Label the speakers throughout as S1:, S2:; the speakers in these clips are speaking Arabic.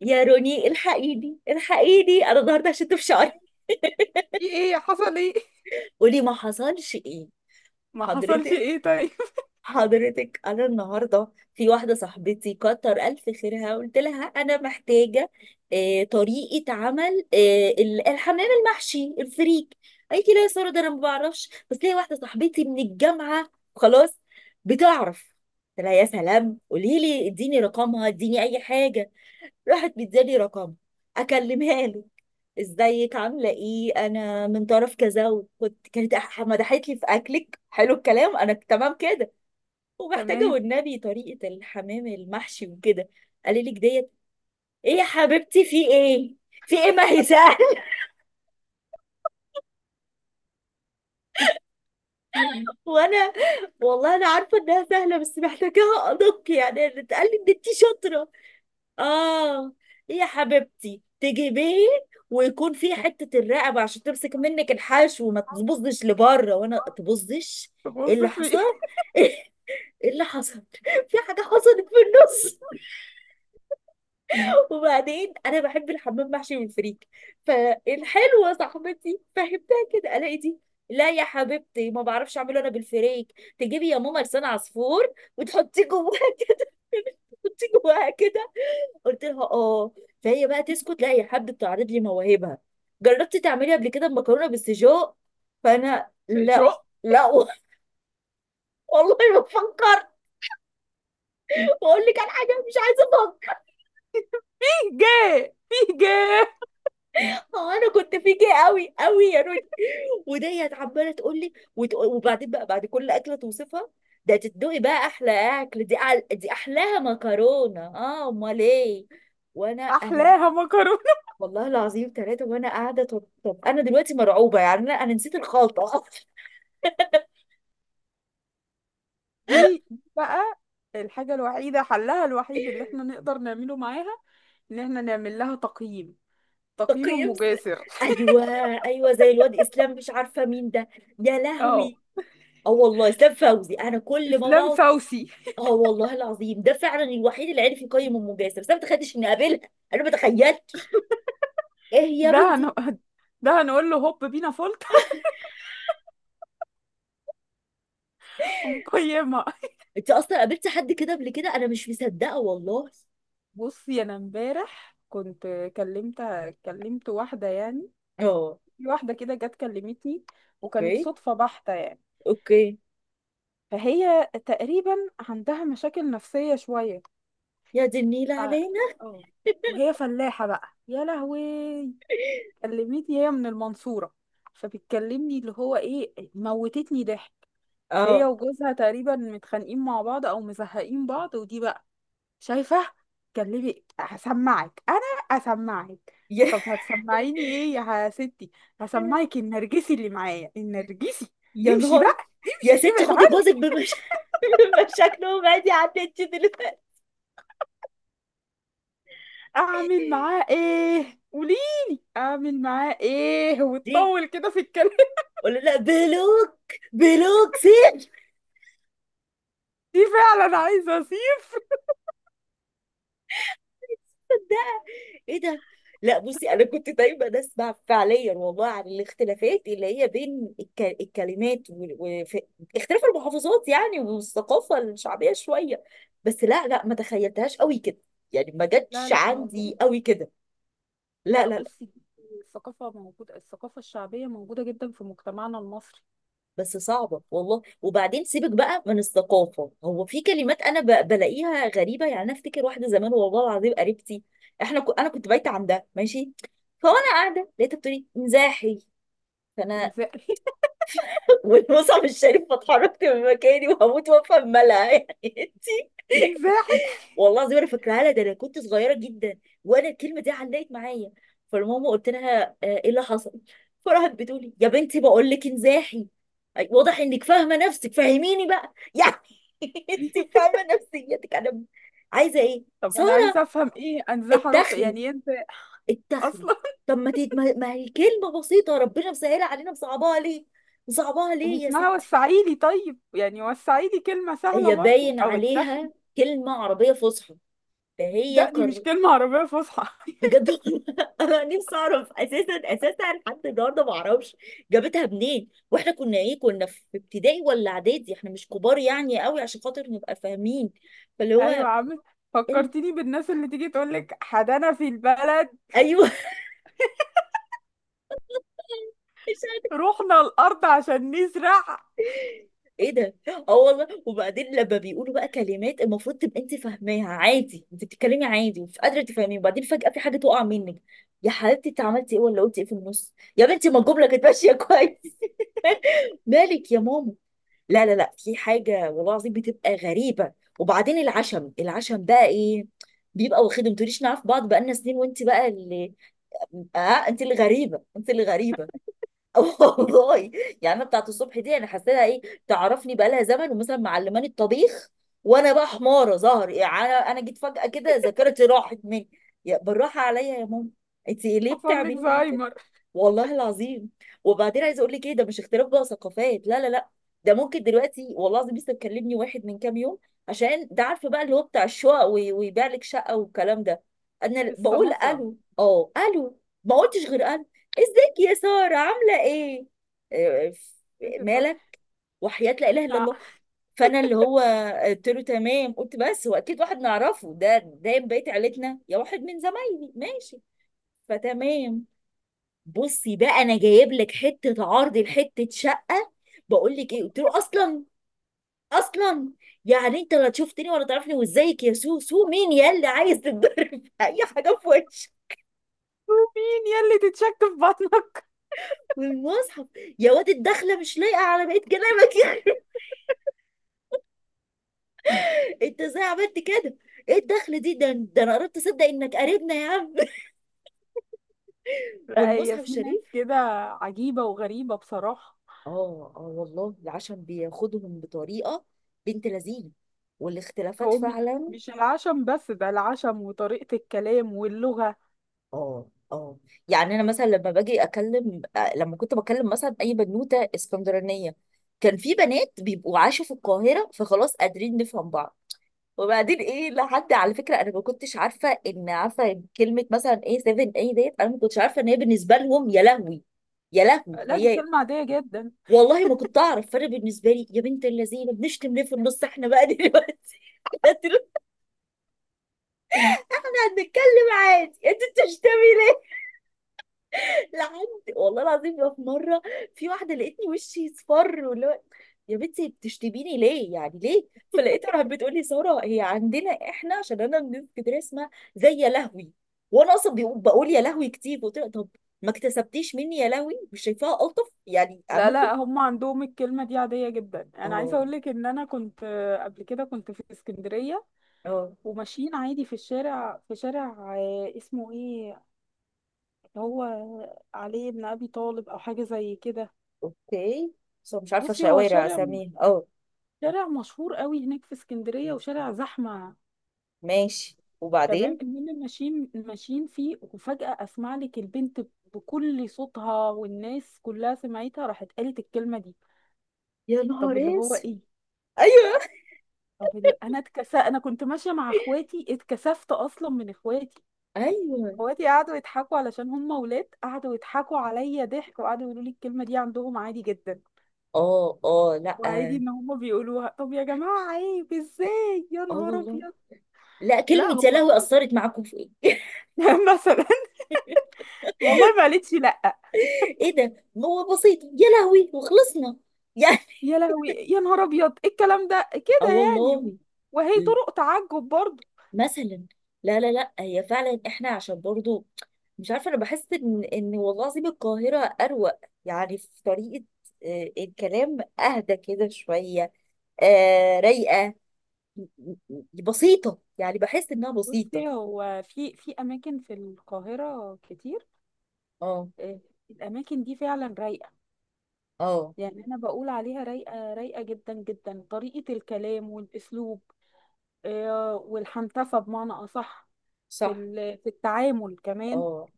S1: يا روني، الحقيني انا النهارده شلت في شعري.
S2: في ايه؟ حصل ايه؟
S1: قولي ما حصلش ايه.
S2: ما حصلش
S1: حضرتك،
S2: ايه؟ طيب.
S1: حضرتك، انا النهارده في واحده صاحبتي كتر الف خيرها. قلت لها انا محتاجه طريقه عمل الحمام المحشي الفريك. قالت لي لا يا ساره، ده انا ما بعرفش، بس ليا واحده صاحبتي من الجامعه خلاص بتعرف. قلت لها يا سلام، قولي لي، اديني رقمها، اديني اي حاجه. راحت مدياني رقم، اكلمها له. ازيك؟ عامله ايه؟ انا من طرف كذا، كانت مدحت لي في اكلك. حلو الكلام، انا تمام كده ومحتاجه
S2: تمام.
S1: والنبي طريقه الحمام المحشي وكده. قال لك ديت: ايه يا حبيبتي؟ في ايه؟ في ايه؟ ما هي سهله. وانا والله انا عارفه انها سهله، بس محتاجاها ادق يعني. أنا اتقال لي ان انت شاطره. اه، يا حبيبتي تجيبيه ويكون فيه حتة الرقبة عشان تمسك منك الحشو وما تبصش لبره، وانا تبصش. ايه
S2: تبص
S1: اللي
S2: في ايه؟
S1: حصل؟ ايه اللي حصل؟ في حاجة حصلت في النص. وبعدين انا بحب الحمام محشي والفريك. فالحلوة صاحبتي فهمتها كده الاقي دي: لا يا حبيبتي ما بعرفش اعمله انا بالفريك، تجيبي يا ماما لسان عصفور وتحطيه جواها كده، تحطيه جواها كده. قلت لها اه. فهي بقى تسكت؟ لا، هي حابه تعرض لي مواهبها. جربتي تعملي قبل كده مكرونه بالسجق؟ فانا
S2: في شو؟
S1: لا، لا والله ما فكرت. بقول لك على حاجه مش عايزه افكر.
S2: في جاه، في جاه.
S1: هو انا كنت فيكي قوي يا روني. وديت عماله تقول لي، وبعدين بقى بعد كل اكله توصفها: ده تدوقي بقى احلى اكل، دي أعلى، دي احلاها مكرونه، اه امال ايه. وانا
S2: احلاها مكرونه.
S1: والله العظيم ثلاثة وانا قاعدة. طب انا دلوقتي مرعوبة يعني. انا نسيت الخلطة.
S2: دي بقى الحاجه الوحيده، حلها الوحيد اللي احنا نقدر نعمله معاها ان احنا نعمل لها تقييم، تقييم
S1: تقييم
S2: مجاسر.
S1: ايوه، ايوه زي الواد اسلام، مش عارفه مين ده. يا
S2: اه.
S1: لهوي، اه والله اسلام فوزي، انا كل ما
S2: اسلام
S1: بقعد.
S2: فوسي.
S1: اه والله العظيم ده فعلا الوحيد اللي عرف يقيم ام جاسر، بس انا ما تخيلتش اني اقابلها. انا ما تخيلتش. ايه يا
S2: ده هن...
S1: بنتي؟
S2: ده هنقول له هوب بينا فولت. ونقيمها.
S1: انت اصلا قابلتي حد كده قبل كده؟ انا مش مصدقه والله.
S2: بصي، انا امبارح كنت كلمت كلمت واحده يعني.
S1: اه،
S2: في واحدة كده جت كلمتني، وكانت
S1: اوكي،
S2: صدفة بحتة يعني.
S1: اوكي.
S2: فهي تقريبا عندها مشاكل نفسية شوية.
S1: يا دي النيله
S2: ف-
S1: علينا.
S2: اه. وهي فلاحة بقى، يا لهوي. كلمتني هي من المنصورة، فبتكلمني اللي هو ايه، موتتني ضحك. هي
S1: اه،
S2: وجوزها تقريبا متخانقين مع بعض او مزهقين بعض، ودي بقى شايفة. كلمي، هسمعك انا. اسمعك.
S1: يا
S2: طب هتسمعيني ايه يا ستي؟ هسمعك النرجسي اللي معايا، النرجسي.
S1: يا
S2: امشي
S1: نهار.
S2: بقى،
S1: يا
S2: امشي
S1: ستي
S2: ابعد
S1: خدي
S2: عني.
S1: جوزك بمشاكله وبعدي عن انت دلوقتي.
S2: اعمل معاه ايه؟ قوليلي اعمل معاه ايه؟
S1: دي؟
S2: وتطول كده في الكلام.
S1: ولا لا، بلوك. بلوك سيف.
S2: دي فعلا عايزة اسيب.
S1: ده، ايه ده؟ لا، بصي، انا كنت دايما اسمع فعليا والله عن الاختلافات اللي هي بين الكلمات اختلاف المحافظات يعني، والثقافه الشعبيه شويه، بس لا لا ما تخيلتهاش قوي كده. يعني ما
S2: لا
S1: جاتش
S2: لا،
S1: عندي
S2: موجودة.
S1: قوي كده. لا،
S2: لا
S1: لا.
S2: بصي، دي الثقافة موجودة، الثقافة الشعبية موجودة جدا في مجتمعنا المصري.
S1: بس صعبة والله. وبعدين سيبك بقى من الثقافة، هو في كلمات أنا بلاقيها غريبة يعني. أنا أفتكر واحدة زمان والله العظيم قريبتي، أنا كنت بايتة عندها ماشي، فوأنا قاعدة لقيتها بتقولي مزاحي. فأنا
S2: انزاحي.
S1: والمصعب الشريف فاتحركت من مكاني وهموت وأفهم مالها يعني. أنتي،
S2: انزاحي.
S1: والله العظيم انا فاكراها لها، ده انا كنت صغيره جدا وانا الكلمه دي علقت معايا. فالماما قلت لها آه، ايه اللي حصل؟ فراحت بتقولي يا بنتي بقول لك انزاحي. أي، واضح انك فاهمه نفسك، فهميني بقى يعني. انت فاهمه نفسيتك، انا عايزه ايه؟
S2: طب انا
S1: ساره
S2: عايزة افهم ايه انزاح؟ اروح
S1: اتخري،
S2: يعني إيه انت
S1: اتخري.
S2: اصلا؟
S1: طب ما هي كلمه بسيطه ربنا مسهلها علينا، مصعباها ليه؟ مصعباها ليه يا
S2: واسمها
S1: ستي؟
S2: وسعيلي. طيب يعني وسعيلي كلمة سهلة
S1: هي
S2: برضو
S1: باين
S2: أو التخ
S1: عليها كلمه عربيه فصحى، فهي
S2: لا دي مش
S1: قر...
S2: كلمة عربية فصحى.
S1: بجد والله انا نفسي اعرف. اساسا لحد النهارده ما اعرفش جابتها منين، واحنا كنا ايه؟ كنا في ابتدائي ولا اعدادي، احنا مش كبار يعني قوي عشان خاطر نبقى فاهمين، فاللي
S2: أيوة،
S1: هو
S2: عم
S1: ال...
S2: فكرتيني بالناس اللي تيجي تقولك حدانا في البلد،
S1: ايوه. مش عارفة.
S2: رحنا الأرض عشان نزرع.
S1: ايه ده؟ اه والله. وبعدين لما بيقولوا بقى كلمات المفروض تبقى انت فاهماها عادي، انت بتتكلمي عادي مش قادره تفهمي، وبعدين فجاه في حاجه تقع منك: يا حبيبتي انت عملتي ايه ولا قلتي ايه في النص يا بنتي؟ ما الجمله كانت ماشيه كويس. مالك يا ماما؟ لا لا لا، في حاجة والله العظيم بتبقى غريبة. وبعدين العشم، العشم بقى ايه؟ بيبقى واخدهم، ما تقوليش نعرف بعض بقالنا سنين، وانت بقى اللي، اه، انت اللي غريبة، انت اللي غريبة. والله. يعني انا بتاعت الصبح دي انا حسيتها ايه؟ تعرفني بقالها زمن ومثلا معلماني الطبيخ، وانا بقى حماره ظهر يعني. أنا جيت فجاه كده ذاكرتي راحت مني. يا بالراحه عليا يا ماما، انت ليه
S2: حصل لك
S1: بتعملي معايا كده؟
S2: زهايمر.
S1: والله العظيم. وبعدين عايزه اقول لك ايه؟ ده مش اختلاف بقى ثقافات، لا لا لا، ده ممكن دلوقتي والله العظيم. لسه مكلمني واحد من كام يوم عشان، ده عارفه بقى اللي هو بتاع الشقق، ويبيع لك شقه والكلام ده. انا بقول
S2: السماسرة.
S1: الو، اه الو، ما قلتش غير الو. ازيك يا سارة، عاملة ايه؟ آه،
S2: فاكر السماسرة؟
S1: مالك؟ وحياة لا اله الا
S2: لا.
S1: الله. فانا اللي هو قلت له تمام، قلت بس هو اكيد واحد نعرفه، ده من بقية عيلتنا، يا واحد من زمايلي ماشي. فتمام. بصي بقى انا جايب لك حتة عرض لحتة شقة. بقول لك ايه؟ قلت له اصلا، اصلا يعني انت لا تشوفتني ولا تعرفني، وازيك يا سو سو، مين يا اللي عايز تتضرب؟ اي حاجة في وشك،
S2: مين يلي تتشك في بطنك؟
S1: والمصحف. يا واد الدخلة مش لايقة على بقية كلامك. انت ازاي عملت كده؟ ايه الدخل دي؟ ده انا قربت اصدق انك قريبنا يا عم.
S2: لا،
S1: والمصحف
S2: هي في ناس
S1: الشريف.
S2: كده عجيبة وغريبة بصراحة.
S1: اه اه والله، العشم بياخدهم بطريقه، بنت لذينه، والاختلافات
S2: هو بي-
S1: فعلا.
S2: مش العشم بس، ده العشم وطريقة الكلام واللغة.
S1: اه، اه. يعني انا مثلا لما باجي اكلم آه، لما كنت بكلم مثلا اي بنوته اسكندرانيه، كان في بنات بيبقوا عاشوا في القاهره فخلاص قادرين نفهم بعض. وبعدين ايه لحد، على فكره انا ما كنتش عارفه ان عارفه كلمه مثلا ايه 7 اي ديت. انا ما كنتش عارفه ان هي بالنسبه لهم، يا لهوي يا لهوي
S2: لا دي
S1: هي.
S2: كلمة عادية جدا.
S1: والله ما كنت اعرف. فانا بالنسبه لي يا بنت اللذينه بنشتم ليه في النص، احنا بقى دلوقتي احنا طلعنا هنتكلم عادي انتوا بتشتمي. لحد والله العظيم بقى، في مره في واحده لقيتني وشي اصفر واللي هو، يا بنتي بتشتميني ليه؟ يعني ليه؟ فلقيتها راحت بتقول لي ساره هي عندنا احنا عشان انا من اسكندريه، اسمها زي يا لهوي. وانا اصلا بقول يا لهوي كتير، قلت لها طب ما اكتسبتيش مني يا لهوي؟ مش شايفاها الطف يعني؟
S2: لا
S1: ممكن.
S2: لا، هم عندهم الكلمة دي عادية جدا. انا عايزة
S1: اه
S2: اقول لك ان انا كنت قبل كده كنت في اسكندرية،
S1: اه،
S2: وماشيين عادي في الشارع، في شارع اسمه ايه، اللي هو علي بن ابي طالب او حاجة زي كده.
S1: اوكي. بس أنا مش عارفه
S2: بصي هو
S1: شوارع
S2: شارع،
S1: اساميها، اه.
S2: شارع مشهور قوي هناك في اسكندرية، وشارع زحمة.
S1: ماشي،
S2: تمام،
S1: وبعدين.
S2: المهم ماشيين ماشيين فيه، وفجأة اسمع لك البنت بكل صوتها، والناس كلها سمعتها، راحت قالت الكلمة دي.
S1: يا نهار
S2: طب اللي هو
S1: اسود.
S2: ايه؟
S1: ايوه.
S2: طب انا كنت ماشيه مع اخواتي، اتكسفت اصلا من اخواتي.
S1: ايوه.
S2: اخواتي قعدوا يضحكوا علشان هم ولاد، قعدوا يضحكوا عليا ضحك، وقعدوا يقولوا لي الكلمه دي عندهم عادي جدا،
S1: اه اه. لا،
S2: وعادي ان هم بيقولوها. طب يا جماعه، عيب ازاي يا
S1: اه
S2: نهار
S1: والله.
S2: ابيض؟
S1: لا
S2: لا
S1: كلمة يا
S2: هو
S1: لهوي
S2: عيب.
S1: أثرت معاكم في إيه؟
S2: مثلا. والله ما قالتش لا.
S1: إيه ده؟ ما هو بسيط يا لهوي وخلصنا يعني.
S2: يا لهوي، يا نهار ابيض، إيه الكلام ده
S1: آه
S2: كده يعني؟
S1: والله.
S2: وهي طرق تعجب برضه.
S1: مثلا، لا لا لا، هي فعلا إحنا عشان برضو، مش عارفة. أنا بحس إن إن والله العظيم القاهرة أروق. يعني في طريقة آه، الكلام أهدى كده شوية، آه رايقة. م- بسيطة يعني، بحس إنها بسيطة.
S2: بصي هو في اماكن في القاهره كتير.
S1: اه
S2: آه، الاماكن دي فعلا رايقه.
S1: اه،
S2: يعني انا بقول عليها رايقه، رايقه جدا جدا، طريقه الكلام والاسلوب، والحنتفه بمعنى اصح في
S1: صح.
S2: في التعامل كمان.
S1: اه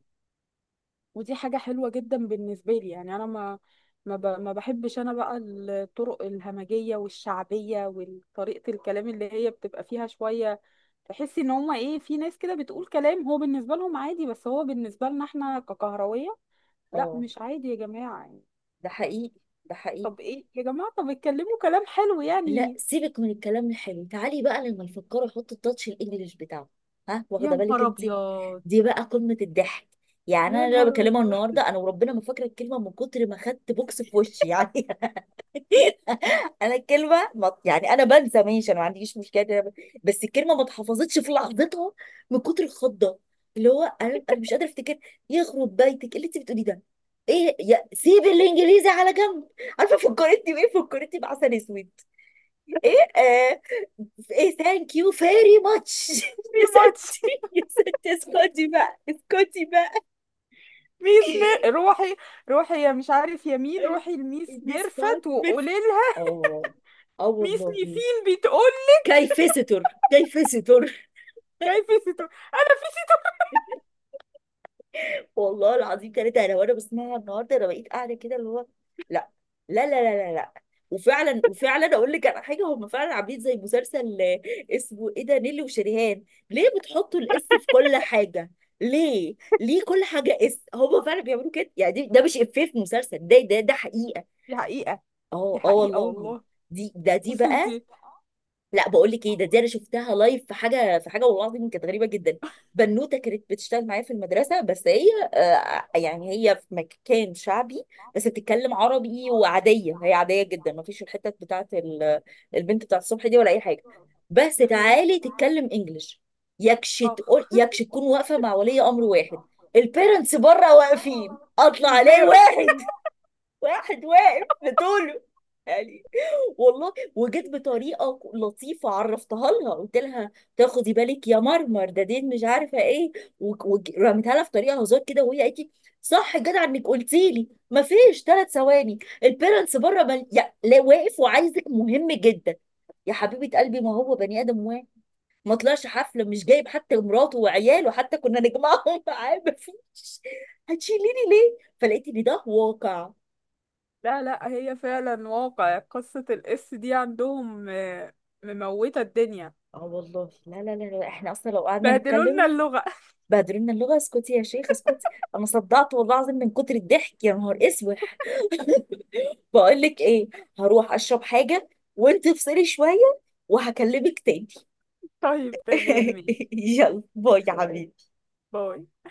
S2: ودي حاجه حلوه جدا بالنسبه لي. يعني انا ما بحبش انا بقى الطرق الهمجيه والشعبيه وطريقه الكلام اللي هي بتبقى فيها شويه. تحسي ان هما ايه؟ في ناس كده بتقول كلام هو بالنسبه لهم عادي، بس هو بالنسبه لنا احنا ككهرويه لا
S1: اه،
S2: مش عادي يا جماعه، يعني.
S1: ده حقيقي، ده حقيقي.
S2: طب ايه يا جماعه؟ طب اتكلموا كلام حلو
S1: لا
S2: يعني.
S1: سيبك من الكلام الحلو، تعالي بقى لما الفكار احط التاتش الانجليش بتاعه. ها،
S2: يا
S1: واخده بالك
S2: نهار
S1: انت؟
S2: ابيض،
S1: دي بقى قمه الضحك. يعني انا
S2: يا
S1: اللي أنا
S2: نهار
S1: بكلمها
S2: ابيض،
S1: النهارده، انا وربنا ما فاكره الكلمه من كتر ما خدت بوكس في وشي يعني. انا الكلمه يعني انا بنسى ماشي، انا ما عنديش مشكله إن أنا بس الكلمه ما اتحفظتش في لحظتها من كتر الخضه، اللي هو انا مش قادره افتكر. يخرب بيتك، إيه اللي انت بتقوليه ده؟ ايه يا، سيب الانجليزي على جنب. عارفه فكرتني بايه؟ فكرتني بعسل اسود. ايه آه، ايه ثانك يو فيري ماتش.
S2: في
S1: يا
S2: ماتش.
S1: ستي، يا ستي اسكتي بقى، اسكتي بقى.
S2: روحي، روحي، يا مش عارف يمين، روحي لميس
S1: ميس
S2: ميرفت
S1: فاطمة،
S2: وقولي لها
S1: اه اه
S2: ميس
S1: والله.
S2: ميسين، بتقول
S1: كيف ستر، كيف ستر.
S2: كيف ستو، انا في ستو.
S1: والله العظيم ثلاثة، انا وانا بسمعها النهارده انا بقيت قاعده كده اللي هو، لا لا وفعلا، وفعلا اقول لك على حاجه، هم فعلا عاملين زي مسلسل آه، اسمه ايه ده، نيلي وشريهان. ليه بتحطوا الاس في كل حاجه؟ ليه؟ ليه كل حاجه اس؟ هم فعلا بيعملوا كده يعني. ده مش افيه في مسلسل، ده حقيقه.
S2: دي حقيقة.
S1: اه
S2: دي
S1: اه
S2: حقيقة
S1: والله.
S2: والله.
S1: دي دي
S2: بصي انت.
S1: بقى، لا بقول لك ايه ده، دي انا شفتها لايف في حاجه والله العظيم كانت غريبه جدا. بنوته كانت بتشتغل معايا في المدرسه، بس هي آه يعني هي في مكان شعبي بس بتتكلم عربي، وعاديه، هي عاديه جدا، ما فيش الحته بتاعت البنت بتاعت الصبح دي ولا اي حاجه. بس
S2: تمام.
S1: تعالي تتكلم انجلش، يكش،
S2: اخ.
S1: تقول يكش. تكون واقفه مع ولي امر واحد، البيرنتس بره واقفين، اطلع عليه
S2: البير
S1: واحد، واحد واقف بطوله يعني. والله، وجت بطريقه لطيفه عرفتها لها، قلت لها تاخدي بالك يا مرمر، ده دين مش عارفه ايه، ورميتها لها في طريقه هزار كده، وهي قالت لي صح جدع انك قلتي لي، مفيش ثلاث ثواني البيرنتس بره لا واقف وعايزك مهم جدا. يا حبيبه قلبي ما هو بني ادم واحد، ما طلعش حفله مش جايب حتى مراته وعياله حتى كنا نجمعهم معاه، مفيش. هتشيليني ليه؟ فلقيت ان ده واقع.
S2: لا لا، هي فعلا واقع قصة الاس دي عندهم. مموتة الدنيا.
S1: اه والله. لا، احنا اصلا لو قعدنا
S2: بهدلولنا
S1: نتكلم
S2: اللغة.
S1: بهدلنا اللغه. اسكتي يا شيخ، اسكتي، انا صدعت والله العظيم من كتر الضحك يا نهار اسوح. بقول لك ايه، هروح اشرب حاجه، وانت افصلي شويه وهكلمك تاني.
S2: طيب تمام، ماشي.
S1: يلا باي يا حبيبي.
S2: باي.